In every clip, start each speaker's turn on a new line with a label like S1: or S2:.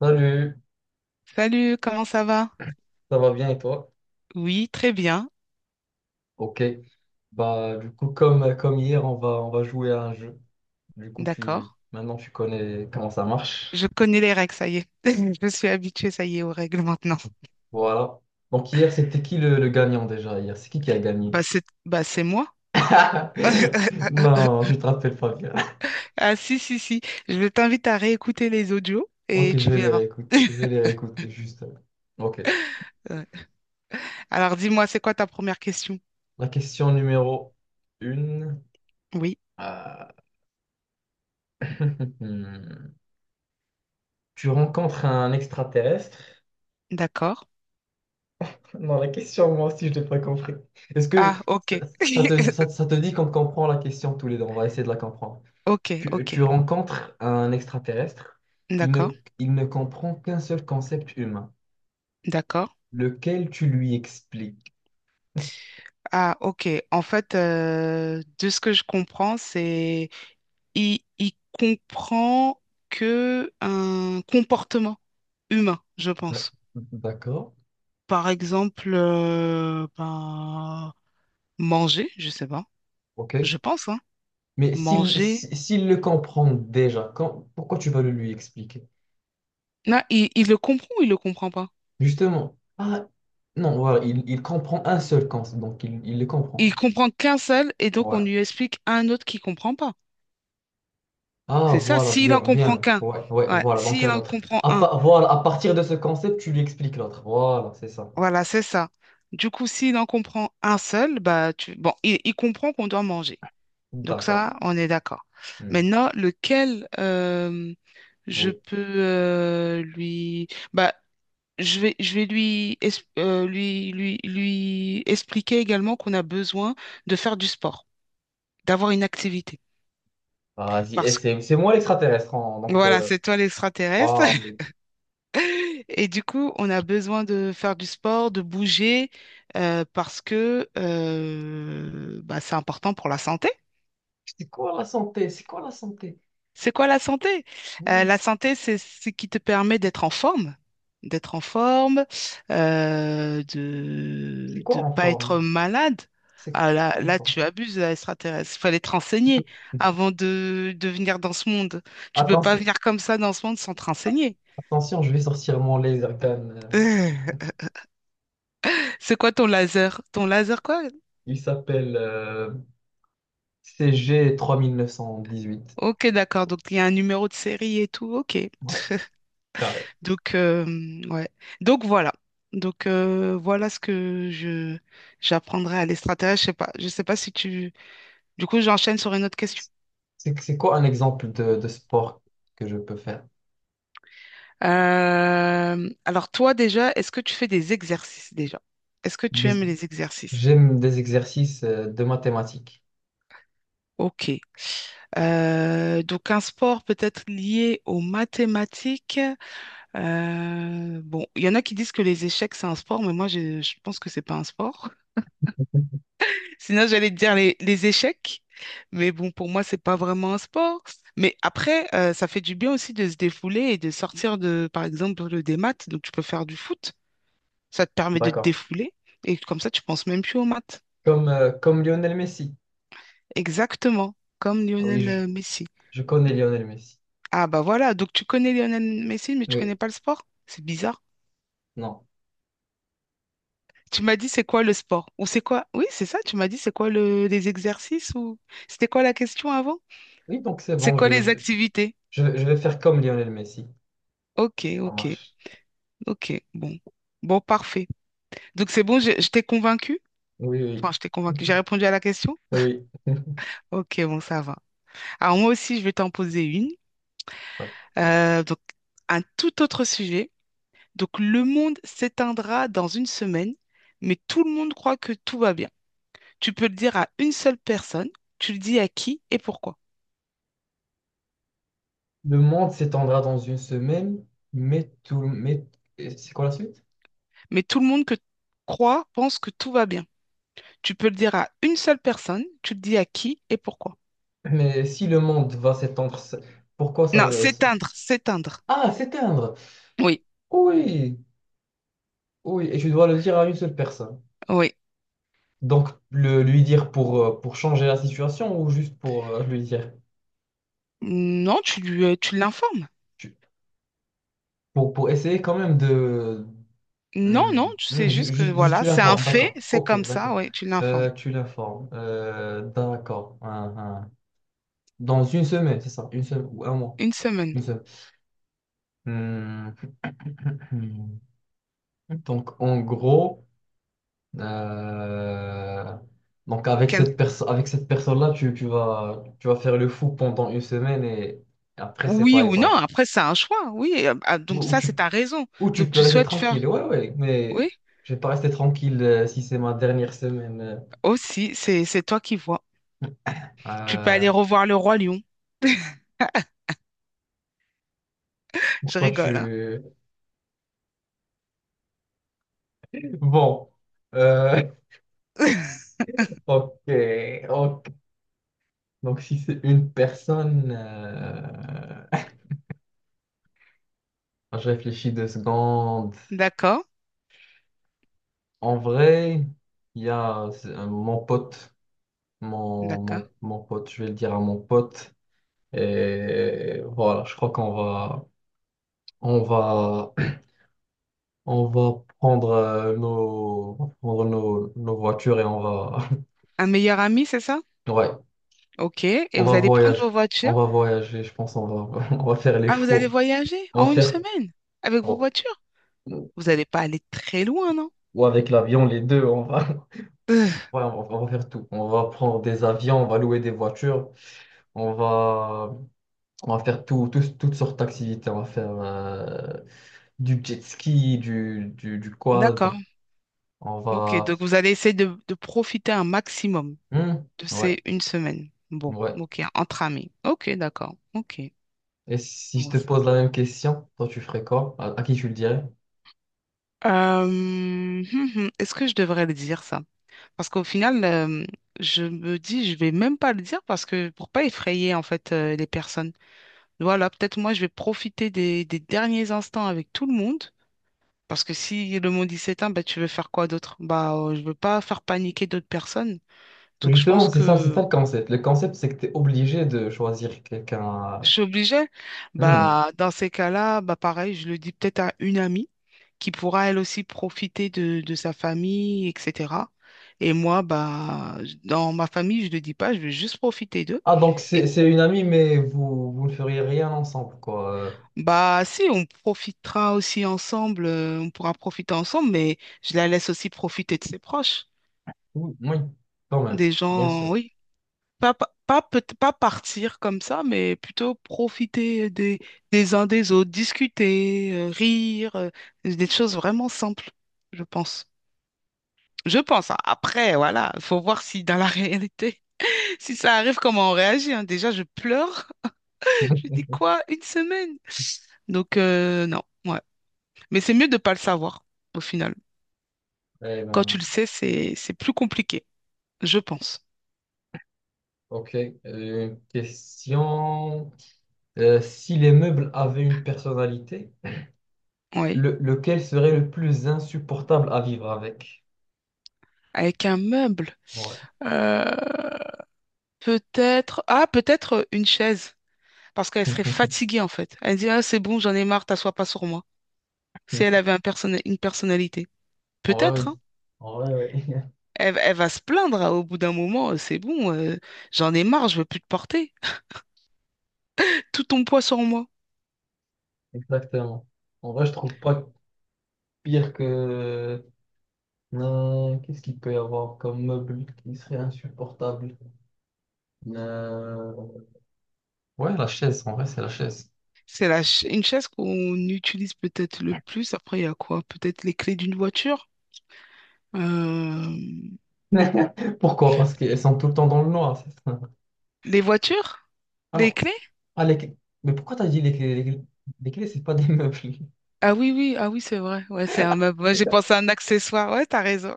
S1: Salut,
S2: Salut, comment ça va?
S1: ça va bien et toi?
S2: Oui, très bien,
S1: Ok. Bah du coup comme hier on va jouer à un jeu. Du coup
S2: d'accord.
S1: tu maintenant tu connais comment ça marche.
S2: Je connais les règles, ça y est. Je suis habituée, ça y est, aux règles maintenant.
S1: Voilà. Donc hier c'était qui le gagnant déjà hier? C'est qui a gagné?
S2: C'est moi.
S1: Non, je te rappelle pas bien.
S2: Ah si, si, si. Je t'invite à réécouter les audios et
S1: Ok, je
S2: tu
S1: vais les
S2: verras.
S1: réécouter. Je vais les réécouter juste. Ok.
S2: Ouais. Alors dis-moi, c'est quoi ta première question?
S1: La question numéro une.
S2: Oui,
S1: Euh, Tu rencontres un extraterrestre.
S2: d'accord.
S1: Non, la question, moi aussi, je l'ai pas compris. Est-ce que
S2: Ah,
S1: ça,
S2: ok.
S1: ça te, ça, ça te dit qu'on comprend la question tous les deux? On va essayer de la comprendre.
S2: Ok,
S1: Tu,
S2: ok.
S1: tu rencontres un extraterrestre, il ne,
S2: D'accord,
S1: il ne comprend qu'un seul concept humain,
S2: d'accord.
S1: lequel tu lui expliques.
S2: Ah, ok. En fait, de ce que je comprends, c'est il comprend que un comportement humain, je
S1: D'ac-
S2: pense.
S1: D'accord,
S2: Par exemple, ben, manger, je sais pas.
S1: ok.
S2: Je pense, hein.
S1: Mais s'il
S2: Manger.
S1: si- s'il le comprend déjà, pourquoi tu vas le lui expliquer?
S2: Non, il le comprend ou il le comprend pas?
S1: Justement, ah, non, voilà, il comprend un seul concept, donc il le comprend.
S2: Il comprend qu'un seul et donc on lui explique à un autre qui comprend pas.
S1: Ah,
S2: C'est ça.
S1: voilà,
S2: S'il en
S1: bien,
S2: comprend
S1: bien.
S2: qu'un.
S1: Ouais, ouais,
S2: Ouais.
S1: voilà, donc
S2: S'il
S1: un
S2: en
S1: autre.
S2: comprend un.
S1: Voilà, à partir de ce concept, tu lui expliques l'autre. Voilà, c'est ça.
S2: Voilà, c'est ça. Du coup, s'il en comprend un seul, bah tu... bon, il comprend qu'on doit manger. Donc
S1: D'accord.
S2: ça, on est d'accord.
S1: Hmm,
S2: Maintenant, lequel je
S1: oui.
S2: peux lui... Bah, je vais lui, lui expliquer également qu'on a besoin de faire du sport, d'avoir une activité.
S1: Vas-y, et
S2: Parce que,
S1: c'est moi l'extraterrestre, hein, donc,
S2: voilà, c'est toi l'extraterrestre.
S1: voilà.
S2: Et du coup, on a besoin de faire du sport, de bouger, parce que bah, c'est important pour la santé.
S1: C'est quoi la santé? C'est quoi la santé?
S2: C'est quoi la santé?
S1: Oui.
S2: La santé, c'est ce qui te permet d'être en forme,
S1: C'est
S2: de
S1: quoi
S2: ne
S1: en
S2: pas
S1: forme?
S2: être malade.
S1: C'est
S2: Ah, là,
S1: quoi en
S2: là,
S1: forme?
S2: tu abuses, là, extraterrestre. Il fallait te renseigner avant de venir dans ce monde. Tu peux pas
S1: Attention,
S2: venir comme ça dans ce monde sans te renseigner.
S1: attention, je vais sortir mon laser gun.
S2: C'est quoi ton laser? Ton laser quoi?
S1: Il s'appelle CG3918,
S2: Ok, d'accord. Donc, il y a un numéro de série et tout. Ok.
S1: ouais, carré.
S2: Donc, ouais. Donc voilà. Donc voilà ce que je j'apprendrai à l'extraterrestre. Je sais pas. Je sais pas si tu. Du coup, j'enchaîne sur une autre question.
S1: C'est quoi un exemple de sport que je peux faire?
S2: Alors toi déjà, est-ce que tu fais des exercices déjà? Est-ce que tu
S1: Des-
S2: aimes les exercices?
S1: J'aime des exercices de mathématiques.
S2: Ok. Donc un sport peut-être lié aux mathématiques. Bon, il y en a qui disent que les échecs c'est un sport, mais moi je pense que c'est pas un sport. Sinon, j'allais te dire les échecs, mais bon, pour moi, c'est pas vraiment un sport. Mais après, ça fait du bien aussi de se défouler et de sortir de, par exemple, des maths. Donc, tu peux faire du foot, ça te permet de te
S1: D'accord.
S2: défouler et comme ça, tu penses même plus aux maths.
S1: Comme Lionel Messi.
S2: Exactement, comme
S1: Ah oui,
S2: Lionel
S1: je,
S2: Messi.
S1: je connais Lionel Messi.
S2: Ah bah voilà, donc tu connais Lionel Messi, mais tu
S1: Oui,
S2: connais pas le sport? C'est bizarre.
S1: non.
S2: Tu m'as dit c'est quoi le sport? Ou c'est quoi? Oui, c'est ça, tu m'as dit c'est quoi le, les exercices ou c'était quoi la question avant?
S1: Oui, donc c'est
S2: C'est
S1: bon,
S2: quoi
S1: je
S2: les
S1: vais,
S2: activités?
S1: je, vais je vais faire comme Lionel Messi.
S2: Ok,
S1: Ça
S2: ok.
S1: marche.
S2: Ok, bon. Bon, parfait. Donc c'est bon, je t'ai convaincu?
S1: Oui,
S2: Enfin, je t'ai
S1: oui.
S2: convaincu. J'ai répondu à la question?
S1: Oui.
S2: Ok, bon, ça va. Alors moi aussi, je vais t'en poser une. Donc, un tout autre sujet. Donc, le monde s'éteindra dans une semaine, mais tout le monde croit que tout va bien. Tu peux le dire à une seule personne, tu le dis à qui et pourquoi.
S1: Le monde s'étendra dans une semaine, mais tout, mais c'est quoi la suite?
S2: Mais tout le monde que croit pense que tout va bien. Tu peux le dire à une seule personne, tu le dis à qui et pourquoi.
S1: Mais si le monde va s'étendre, pourquoi ça
S2: Non,
S1: veut
S2: s'éteindre, s'éteindre.
S1: Ah, s'éteindre!
S2: Oui,
S1: Oui, oui, et tu dois le dire à une seule personne.
S2: oui.
S1: Donc, lui dire pour changer la situation ou juste pour lui dire,
S2: Non, tu lui, tu l'informes.
S1: tu- pour, essayer quand même de...
S2: Non,
S1: Hmm,
S2: non, tu sais
S1: hmm, ju-
S2: juste que
S1: ju- juste
S2: voilà,
S1: tu
S2: c'est un
S1: l'informes,
S2: fait,
S1: d'accord.
S2: c'est
S1: Ok,
S2: comme ça,
S1: d'accord.
S2: ouais, tu l'informes.
S1: Tu l'informes. D'accord. Hein, hein. Dans une semaine, c'est ça, une semaine ou un mois.
S2: Une semaine.
S1: Une semaine. Hmm, hmm. Donc, en gros, euh, donc avec
S2: Quel-
S1: avec cette personne-là, tu vas faire le fou pendant une semaine et après, c'est
S2: Oui
S1: pareil,
S2: ou non,
S1: pareil.
S2: après c'est un choix, oui. Ah,
S1: Ou,
S2: donc
S1: ou
S2: ça,
S1: tu
S2: c'est ta raison.
S1: Ou tu
S2: Donc
S1: peux
S2: tu
S1: rester
S2: souhaites faire.
S1: tranquille, ouais, ouais, mais
S2: Oui,
S1: je vais pas rester tranquille si c'est ma dernière semaine.
S2: aussi, c'est toi qui vois. Tu peux
S1: Euh,
S2: aller revoir le roi lion. Je
S1: Pourquoi
S2: rigole, hein.
S1: tu... Bon, euh, ok, ok. Donc si c'est une personne, je réfléchis 2 secondes.
S2: D'accord,
S1: En vrai, il y a c'est, mon pote,
S2: d'accord.
S1: je vais le dire à mon pote. Et voilà, je crois qu'on va On va prendre nos voitures et on va,
S2: Un meilleur ami, c'est ça?
S1: ouais,
S2: Ok. Et
S1: on
S2: vous
S1: va
S2: allez prendre
S1: voyager.
S2: vos
S1: On
S2: voitures.
S1: va voyager, je pense. On va, on va faire les
S2: Ah, vous allez
S1: fous.
S2: voyager
S1: On va
S2: en une
S1: faire,
S2: semaine avec vos
S1: bon,
S2: voitures. Vous n'allez pas aller très loin, non?
S1: ou avec l'avion, les deux. On va, ouais, on va faire tout. On va prendre des avions, on va louer des voitures. On va, on va faire tout, toutes sortes d'activités. On va faire du jet ski, du quad.
S2: D'accord.
S1: On
S2: Ok,
S1: va,
S2: donc vous allez essayer de profiter un maximum
S1: hmm,
S2: de
S1: ouais,
S2: ces une semaine. Bon,
S1: ouais.
S2: ok, entre amis. Ok, d'accord. Ok.
S1: Et si je
S2: Bon.
S1: te pose la même question, toi tu ferais quoi? À qui tu le dirais?
S2: Euh, hum, Est-ce que je devrais le dire ça? Parce qu'au final, je me dis, je vais même pas le dire parce que pour pas effrayer en fait les personnes. Voilà, peut-être moi je vais profiter des derniers instants avec tout le monde. Parce que si le monde il s'éteint, bah, tu veux faire quoi d'autre? Bah, je veux pas faire paniquer d'autres personnes. Donc je
S1: Justement,
S2: pense
S1: c'est
S2: que
S1: ça le concept. Le concept, c'est que tu es obligé de choisir
S2: je
S1: quelqu'un.
S2: suis obligée.
S1: Hmm.
S2: Bah, dans ces cas-là, bah, pareil, je le dis peut-être à une amie qui pourra elle aussi profiter de sa famille, etc. Et moi, bah, dans ma famille, je le dis pas, je vais juste profiter d'eux.
S1: Ah, donc c'est
S2: Et
S1: c'est une amie, mais vous ne feriez rien ensemble, quoi.
S2: bah, si, on profitera aussi ensemble, on pourra profiter ensemble, mais je la laisse aussi profiter de ses proches,
S1: Oui, oui, quand même,
S2: des
S1: bien
S2: gens,
S1: sûr.
S2: oui, pas, pa- pas, peut- pas partir comme ça, mais plutôt profiter des uns des autres, discuter, rire, des choses vraiment simples, je pense. Je pense. Hein. Après, voilà, il faut voir si dans la réalité, si ça arrive, comment on réagit. Hein. Déjà, je pleure. Je dis quoi? Une semaine? Donc, non, ouais. Mais c'est mieux de ne pas le savoir, au final.
S1: Eh
S2: Quand tu
S1: ben,
S2: le sais, c'est plus compliqué, je pense.
S1: ok. Une question. Si les meubles avaient une personnalité,
S2: Oui.
S1: lequel serait le plus insupportable à vivre avec?
S2: Avec un meuble.
S1: Ouais.
S2: Euh, Peut-être, ah, peut-être une chaise, parce qu'elle serait fatiguée en fait. Elle dit, ah, c'est bon, j'en ai marre, t'assois pas sur moi. Si elle avait un une personnalité,
S1: En vrai,
S2: peut-être,
S1: oui.
S2: hein.
S1: En vrai, oui.
S2: Elle va se plaindre hein, au bout d'un moment, c'est bon, j'en ai marre, je veux plus te porter. Tout ton poids sur moi.
S1: Exactement. En vrai, je trouve pas pire que. Non, qu'est-ce qu'il peut y avoir comme meuble qui serait insupportable? Euh, Ouais, la chaise, en vrai, c'est la chaise.
S2: C'est la une chaise qu'on utilise peut-être le plus. Après, il y a quoi? Peut-être les clés d'une voiture? Euh,
S1: Pourquoi? Parce qu'elles sont tout le temps dans le noir, c'est ça.
S2: Les voitures?
S1: Ah
S2: Les
S1: non,
S2: clés?
S1: ah, les clés. Mais pourquoi t'as dit les clés? Les clés, c'est pas des meubles.
S2: Ah oui, oui, ah oui, c'est vrai. Ouais, c'est un meuble. Ouais, j'ai pensé à un accessoire. Ouais, t'as raison.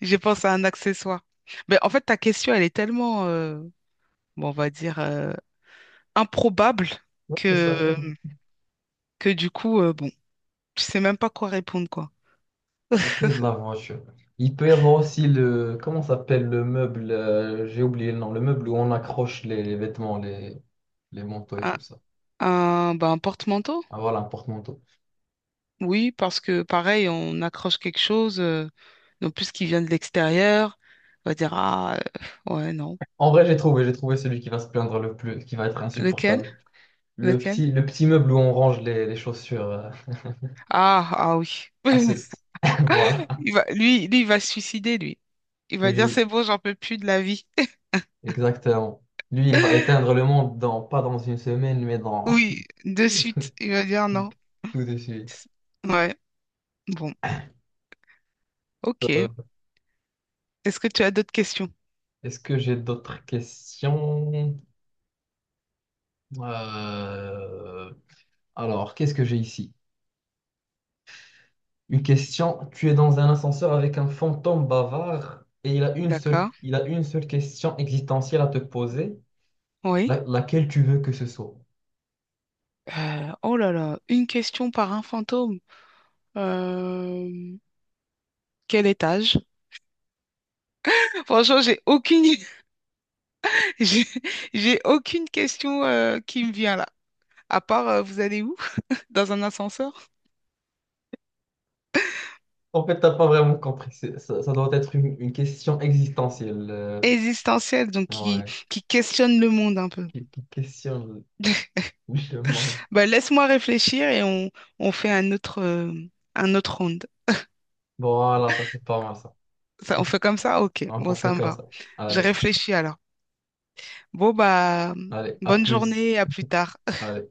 S2: J'ai pensé à un accessoire. Mais en fait, ta question, elle est tellement, bon, on va dire, improbable
S1: Ouais, c'est ça.
S2: que, que du coup, bon, tu sais même pas quoi répondre, quoi.
S1: Les clés de la voiture. Il peut y avoir aussi Comment ça s'appelle le meuble? J'ai oublié le nom. Le meuble où on accroche les vêtements, les manteaux et
S2: Un,
S1: tout ça.
S2: bah, un porte-manteau?
S1: Ah voilà, un porte-manteau.
S2: Oui, parce que pareil, on accroche quelque chose, donc plus qui vient de l'extérieur, on va dire, ah, ouais, non.
S1: En vrai, j'ai trouvé celui qui va se plaindre le plus, qui va être
S2: Lequel?
S1: insupportable.
S2: Lequel?
S1: Le petit meuble où on range les chaussures.
S2: Ah, ah oui.
S1: À ce... Voilà.
S2: Il va, il va se suicider, lui. Il va dire,
S1: Lui,
S2: c'est bon, j'en peux plus de la vie.
S1: exactement. Lui, il va éteindre le monde dans, pas dans une semaine, mais dans
S2: Oui, de suite, il va dire non.
S1: tout de suite.
S2: Ouais, bon,
S1: Euh,
S2: ok. Est-ce que tu as d'autres questions?
S1: Est-ce que j'ai d'autres questions? Euh, Alors, qu'est-ce que j'ai ici? Une question. Tu es dans un ascenseur avec un fantôme bavard et
S2: D'accord.
S1: il a une seule question existentielle à te poser.
S2: Oui.
S1: Laquelle tu veux que ce soit.
S2: Oh là là, une question par un fantôme. Euh, Quel étage? Franchement, j'ai aucune, j'ai j'ai aucune question qui me vient là. À part, vous allez où? Dans un ascenseur?
S1: En fait, t'as pas vraiment compris. Ça, ça doit être une question existentielle.
S2: Existentiel,
S1: Ouais.
S2: qui questionne le monde un peu.
S1: Qui questionne le monde.
S2: Bah, laisse-moi réfléchir et on fait un autre round.
S1: Voilà, ça c'est pas mal ça.
S2: Ça, on fait comme ça? Ok, bon,
S1: On fait
S2: ça me
S1: comme
S2: va.
S1: ça.
S2: Je
S1: Allez,
S2: réfléchis alors. Bon, bah,
S1: allez, à
S2: bonne
S1: plus.
S2: journée, à plus tard.
S1: Allez.